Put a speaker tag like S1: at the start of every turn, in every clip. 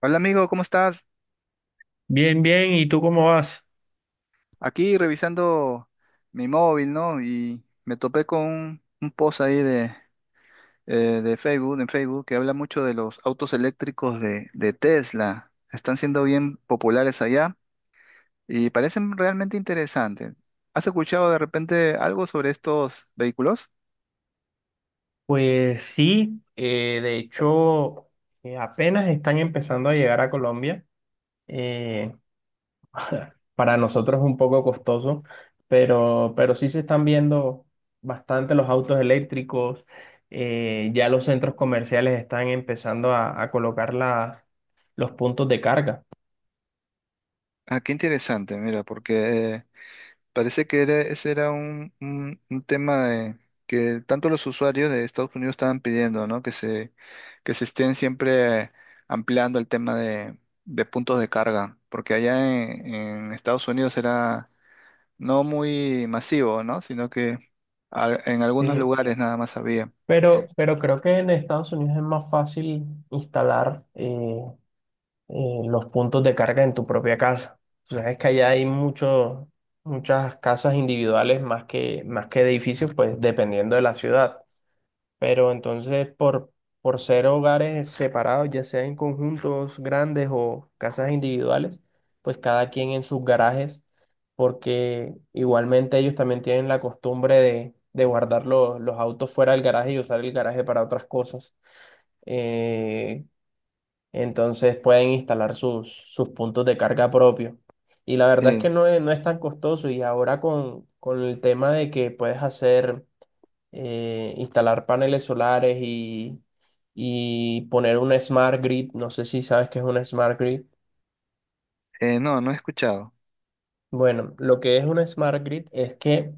S1: Hola amigo, ¿cómo estás?
S2: Bien, bien, ¿y tú cómo vas?
S1: Aquí revisando mi móvil, ¿no? Y me topé con un post ahí eh, de Facebook, en Facebook, que habla mucho de los autos eléctricos de Tesla. Están siendo bien populares allá y parecen realmente interesantes. ¿Has escuchado de repente algo sobre estos vehículos?
S2: Pues sí, de hecho, apenas están empezando a llegar a Colombia. eh, para nosotros es un poco costoso, pero sí se están viendo bastante los autos eléctricos. Ya los centros comerciales están empezando a colocar las, los puntos de carga.
S1: Ah, qué interesante, mira, porque parece que era, ese era un, un tema de que tanto los usuarios de Estados Unidos estaban pidiendo, ¿no? Que se estén siempre ampliando el tema de puntos de carga, porque allá en Estados Unidos era no muy masivo, ¿no? Sino que en algunos
S2: Sí.
S1: lugares nada más había.
S2: Pero creo que en Estados Unidos es más fácil instalar. Los puntos de carga en tu propia casa. Tú sabes que allá hay muchos muchas casas individuales más que edificios, pues dependiendo de la ciudad. Pero entonces, por ser hogares separados, ya sea en conjuntos grandes o casas individuales, pues cada quien en sus garajes, porque igualmente ellos también tienen la costumbre de guardar los autos fuera del garaje y usar el garaje para otras cosas. Eh, entonces pueden instalar sus, sus puntos de carga propios. Y la verdad es que
S1: Sí.
S2: no es, no es tan costoso. Y ahora con el tema de que puedes hacer, instalar paneles solares y poner un smart grid, no sé si sabes qué es un smart grid.
S1: No, no he escuchado.
S2: Bueno, lo que es un smart grid es que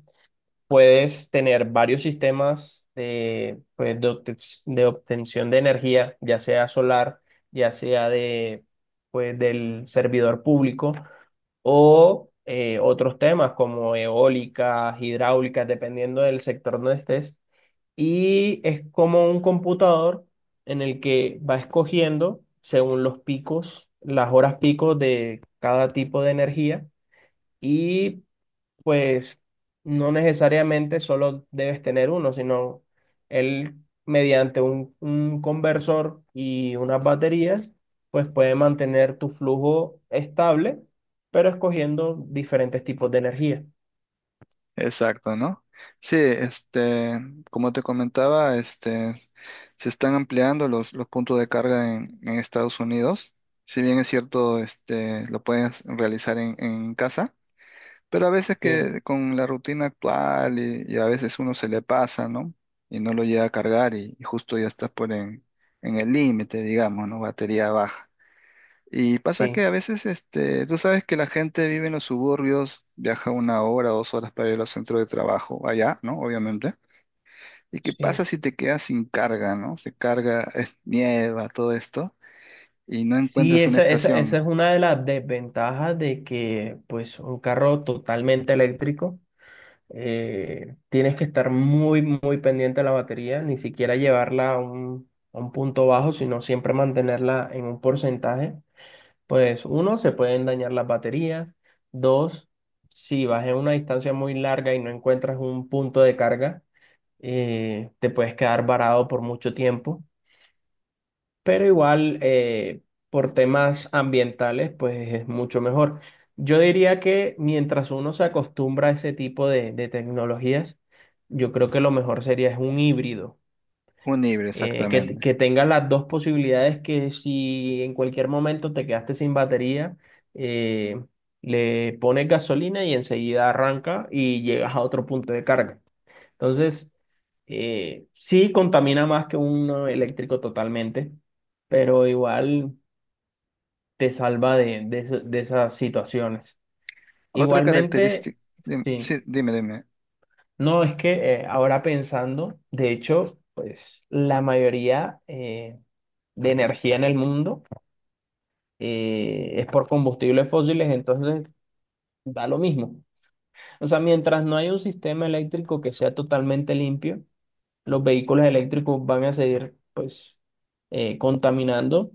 S2: puedes tener varios sistemas de, pues, de de obtención de energía, ya sea solar, ya sea de, pues, del servidor público o otros temas como eólicas, hidráulicas, dependiendo del sector donde estés. Y es como un computador en el que va escogiendo según los picos, las horas picos de cada tipo de energía y pues no necesariamente solo debes tener uno, sino él mediante un conversor y unas baterías, pues puede mantener tu flujo estable, pero escogiendo diferentes tipos de energía.
S1: Exacto, ¿no? Sí, este, como te comentaba, este, se están ampliando los puntos de carga en Estados Unidos. Si bien es cierto, este, lo puedes realizar en casa, pero a veces
S2: Sí,
S1: que con la rutina actual y a veces uno se le pasa, ¿no? Y no lo llega a cargar y justo ya estás por en el límite, digamos, ¿no? Batería baja. Y pasa
S2: sí,
S1: que a veces, este, tú sabes que la gente vive en los suburbios, viaja una hora, dos horas para ir al centro de trabajo, allá, ¿no? Obviamente. ¿Y qué pasa
S2: sí.
S1: si te quedas sin carga, ¿no? Se carga, es nieva, todo esto, y no
S2: Sí,
S1: encuentras una
S2: esa
S1: estación,
S2: es una de las desventajas de que pues un carro totalmente eléctrico tienes que estar muy, muy pendiente de la batería, ni siquiera llevarla a un punto bajo, sino siempre mantenerla en un porcentaje. Pues uno, se pueden dañar las baterías. Dos, si vas en una distancia muy larga y no encuentras un punto de carga, te puedes quedar varado por mucho tiempo pero igual por temas ambientales, pues es mucho mejor. Yo diría que mientras uno se acostumbra a ese tipo de tecnologías, yo creo que lo mejor sería es un híbrido,
S1: un híbrido exactamente.
S2: que tenga las dos posibilidades que si en cualquier momento te quedaste sin batería, eh, le pones gasolina y enseguida arranca y llegas a otro punto de carga. Entonces, sí contamina más que uno eléctrico totalmente, pero igual te salva de, de esas situaciones.
S1: Otra
S2: Igualmente,
S1: característica, dime,
S2: sí.
S1: sí, dime, dime.
S2: No, es que ahora pensando, de hecho, pues la mayoría de energía en el mundo es por combustibles fósiles, entonces da lo mismo. O sea, mientras no hay un sistema eléctrico que sea totalmente limpio, los vehículos eléctricos van a seguir, pues, contaminando,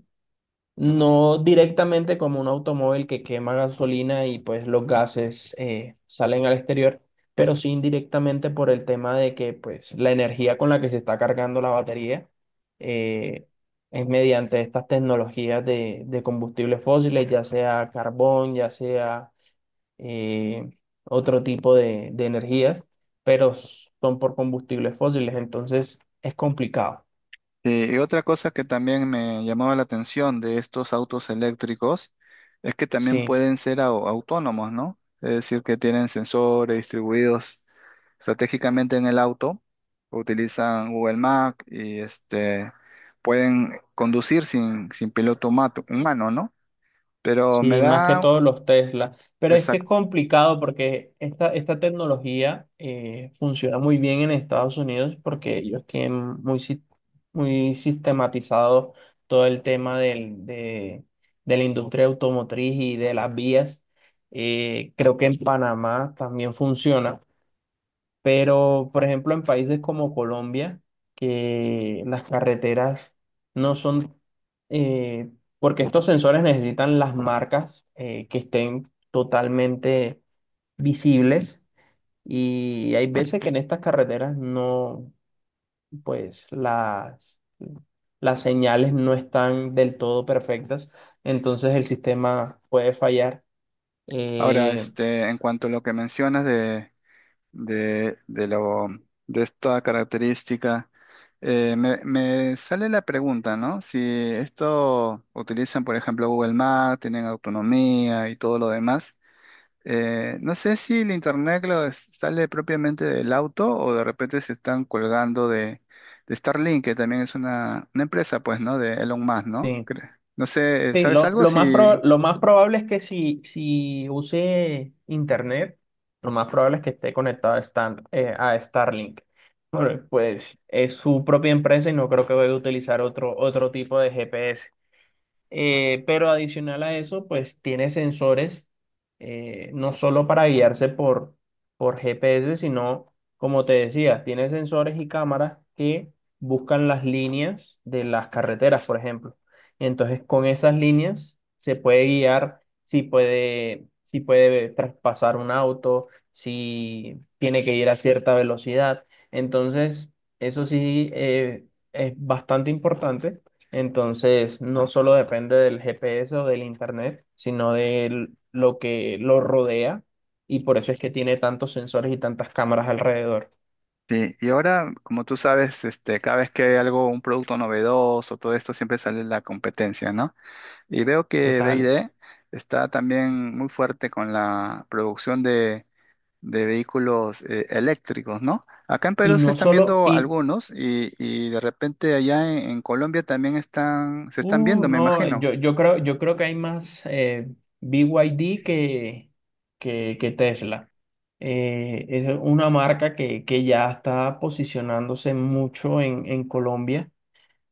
S2: no directamente como un automóvil que quema gasolina y pues los gases salen al exterior, pero sí indirectamente por el tema de que pues la energía con la que se está cargando la batería eh, es mediante estas tecnologías de combustibles fósiles, ya sea carbón, ya sea eh, otro tipo de energías, pero son por combustibles fósiles, entonces es complicado.
S1: Y otra cosa que también me llamaba la atención de estos autos eléctricos es que también
S2: Sí,
S1: pueden ser autónomos, ¿no? Es decir, que tienen sensores distribuidos estratégicamente en el auto, utilizan Google Maps y este, pueden conducir sin, sin piloto humano, ¿no? Pero me
S2: sí, más que
S1: da,
S2: todos los Tesla. Pero es que es
S1: exacto.
S2: complicado porque esta tecnología funciona muy bien en Estados Unidos porque ellos tienen muy, muy sistematizado todo el tema del, de la industria automotriz y de las vías. Creo que en Panamá también funciona. Pero, por ejemplo, en países como Colombia, que las carreteras no son, eh, porque estos sensores necesitan las marcas que estén totalmente visibles y hay veces que en estas carreteras no, pues las señales no están del todo perfectas, entonces el sistema puede fallar.
S1: Ahora,
S2: Eh,
S1: este, en cuanto a lo que mencionas de lo, de esta característica, me, me sale la pregunta, ¿no? Si esto utilizan, por ejemplo, Google Maps, tienen autonomía y todo lo demás. No sé si el internet sale propiamente del auto o de repente se están colgando de Starlink, que también es una empresa, pues, ¿no? De Elon Musk, ¿no? No sé,
S2: Sí,
S1: ¿sabes algo?
S2: lo más
S1: Si
S2: lo más probable es que si, si use internet, lo más probable es que esté conectado a, a Starlink. Bueno, pues es su propia empresa y no creo que vaya a utilizar otro, otro tipo de GPS. Pero adicional a eso, pues tiene sensores no solo para guiarse por GPS, sino, como te decía, tiene sensores y cámaras que buscan las líneas de las carreteras, por ejemplo. Entonces, con esas líneas se puede guiar si puede, si puede traspasar un auto, si tiene que ir a cierta velocidad. Entonces, eso sí es bastante importante entonces, no solo depende del GPS o del internet, sino de lo que lo rodea y por eso es que tiene tantos sensores y tantas cámaras alrededor.
S1: sí, y ahora, como tú sabes, este, cada vez que hay algo, un producto novedoso, todo esto, siempre sale la competencia, ¿no? Y veo que B y
S2: Total.
S1: D está también muy fuerte con la producción de vehículos eléctricos, ¿no? Acá en
S2: Y
S1: Perú se
S2: no
S1: están
S2: solo,
S1: viendo
S2: y,
S1: algunos y de repente allá en Colombia también están, se están viendo, me
S2: no,
S1: imagino.
S2: yo creo que hay más BYD que Tesla. Es una marca que ya está posicionándose mucho en Colombia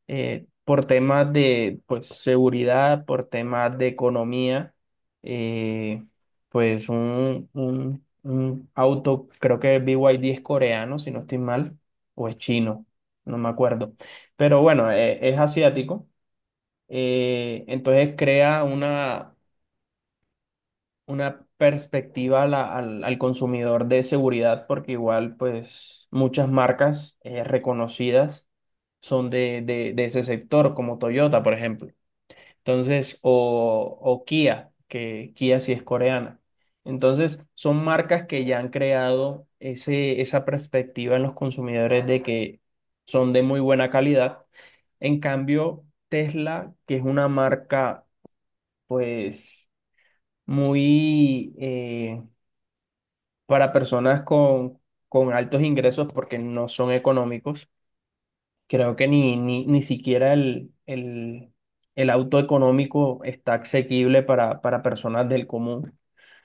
S2: por temas de pues, seguridad, por temas de economía, eh, pues un, un auto, creo que BYD es coreano, si no estoy mal, o es chino, no me acuerdo. Pero bueno, es asiático. Entonces crea una perspectiva a al, al consumidor de seguridad, porque igual pues muchas marcas reconocidas son de, de ese sector, como Toyota, por ejemplo. Entonces, o Kia, que Kia sí es coreana. Entonces, son marcas que ya han creado ese, esa perspectiva en los consumidores de que son de muy buena calidad. En cambio, Tesla, que es una marca pues muy... para personas con altos ingresos porque no son económicos. Creo que ni, ni, ni siquiera el auto económico está asequible para personas del común.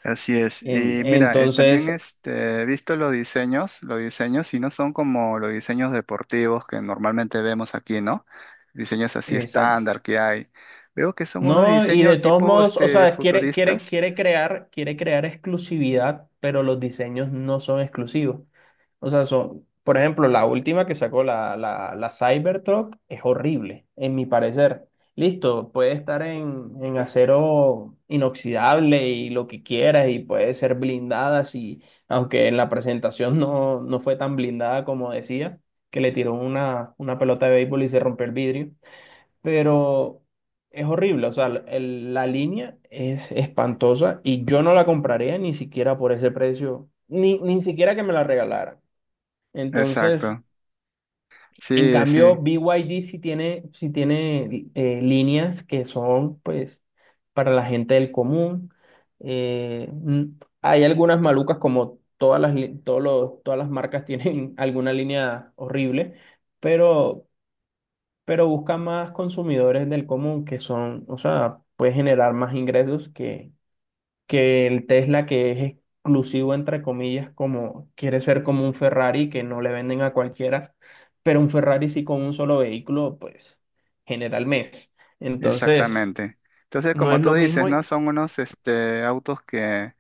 S1: Así es. Y mira, también
S2: Entonces,
S1: este, he visto los diseños, y no son como los diseños deportivos que normalmente vemos aquí, ¿no? Diseños así
S2: exacto.
S1: estándar que hay. Veo que son unos
S2: No, y
S1: diseños
S2: de todos
S1: tipo
S2: modos, o
S1: este,
S2: sea, quiere, quiere,
S1: futuristas.
S2: quiere crear exclusividad, pero los diseños no son exclusivos. O sea, son, por ejemplo, la última que sacó la, la, la Cybertruck es horrible, en mi parecer. Listo, puede estar en acero inoxidable y lo que quieras, y puede ser blindada, si, aunque en la presentación no, no fue tan blindada como decía, que le tiró una pelota de béisbol y se rompió el vidrio, pero es horrible, o sea, la línea es espantosa y yo no la compraría ni siquiera por ese precio, ni, ni siquiera que me la regalaran. Entonces,
S1: Exacto.
S2: en
S1: Sí,
S2: cambio,
S1: sí,
S2: BYD sí tiene líneas que son, pues, para la gente del común. Eh, mm, hay algunas malucas como todas las, todos todas las marcas tienen alguna línea horrible, pero pero busca más consumidores del común que son, o sea, puede generar más ingresos que el Tesla que es exclusivo, entre comillas, como quiere ser como un Ferrari que no le venden a cualquiera, pero un Ferrari sí con un solo vehículo, pues genera al mes. Entonces,
S1: exactamente. Entonces,
S2: no
S1: como
S2: es
S1: tú
S2: lo
S1: dices,
S2: mismo. Y-
S1: ¿no? Son unos este, autos que,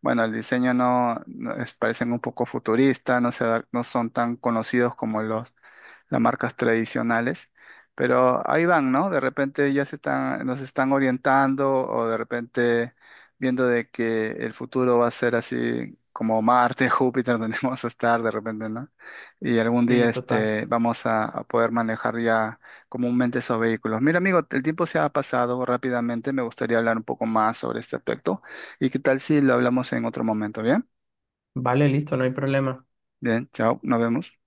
S1: bueno, el diseño no, no parecen un poco futurista no se, no son tan conocidos como los las marcas tradicionales, pero ahí van, ¿no? De repente ya se están, nos están orientando o de repente viendo de que el futuro va a ser así como Marte, Júpiter, donde vamos a estar de repente, ¿no? Y algún día
S2: Sí, total.
S1: este, vamos a poder manejar ya comúnmente esos vehículos. Mira, amigo, el tiempo se ha pasado rápidamente, me gustaría hablar un poco más sobre este aspecto y qué tal si lo hablamos en otro momento, ¿bien?
S2: Vale, listo, no hay problema.
S1: Bien, chao, nos vemos.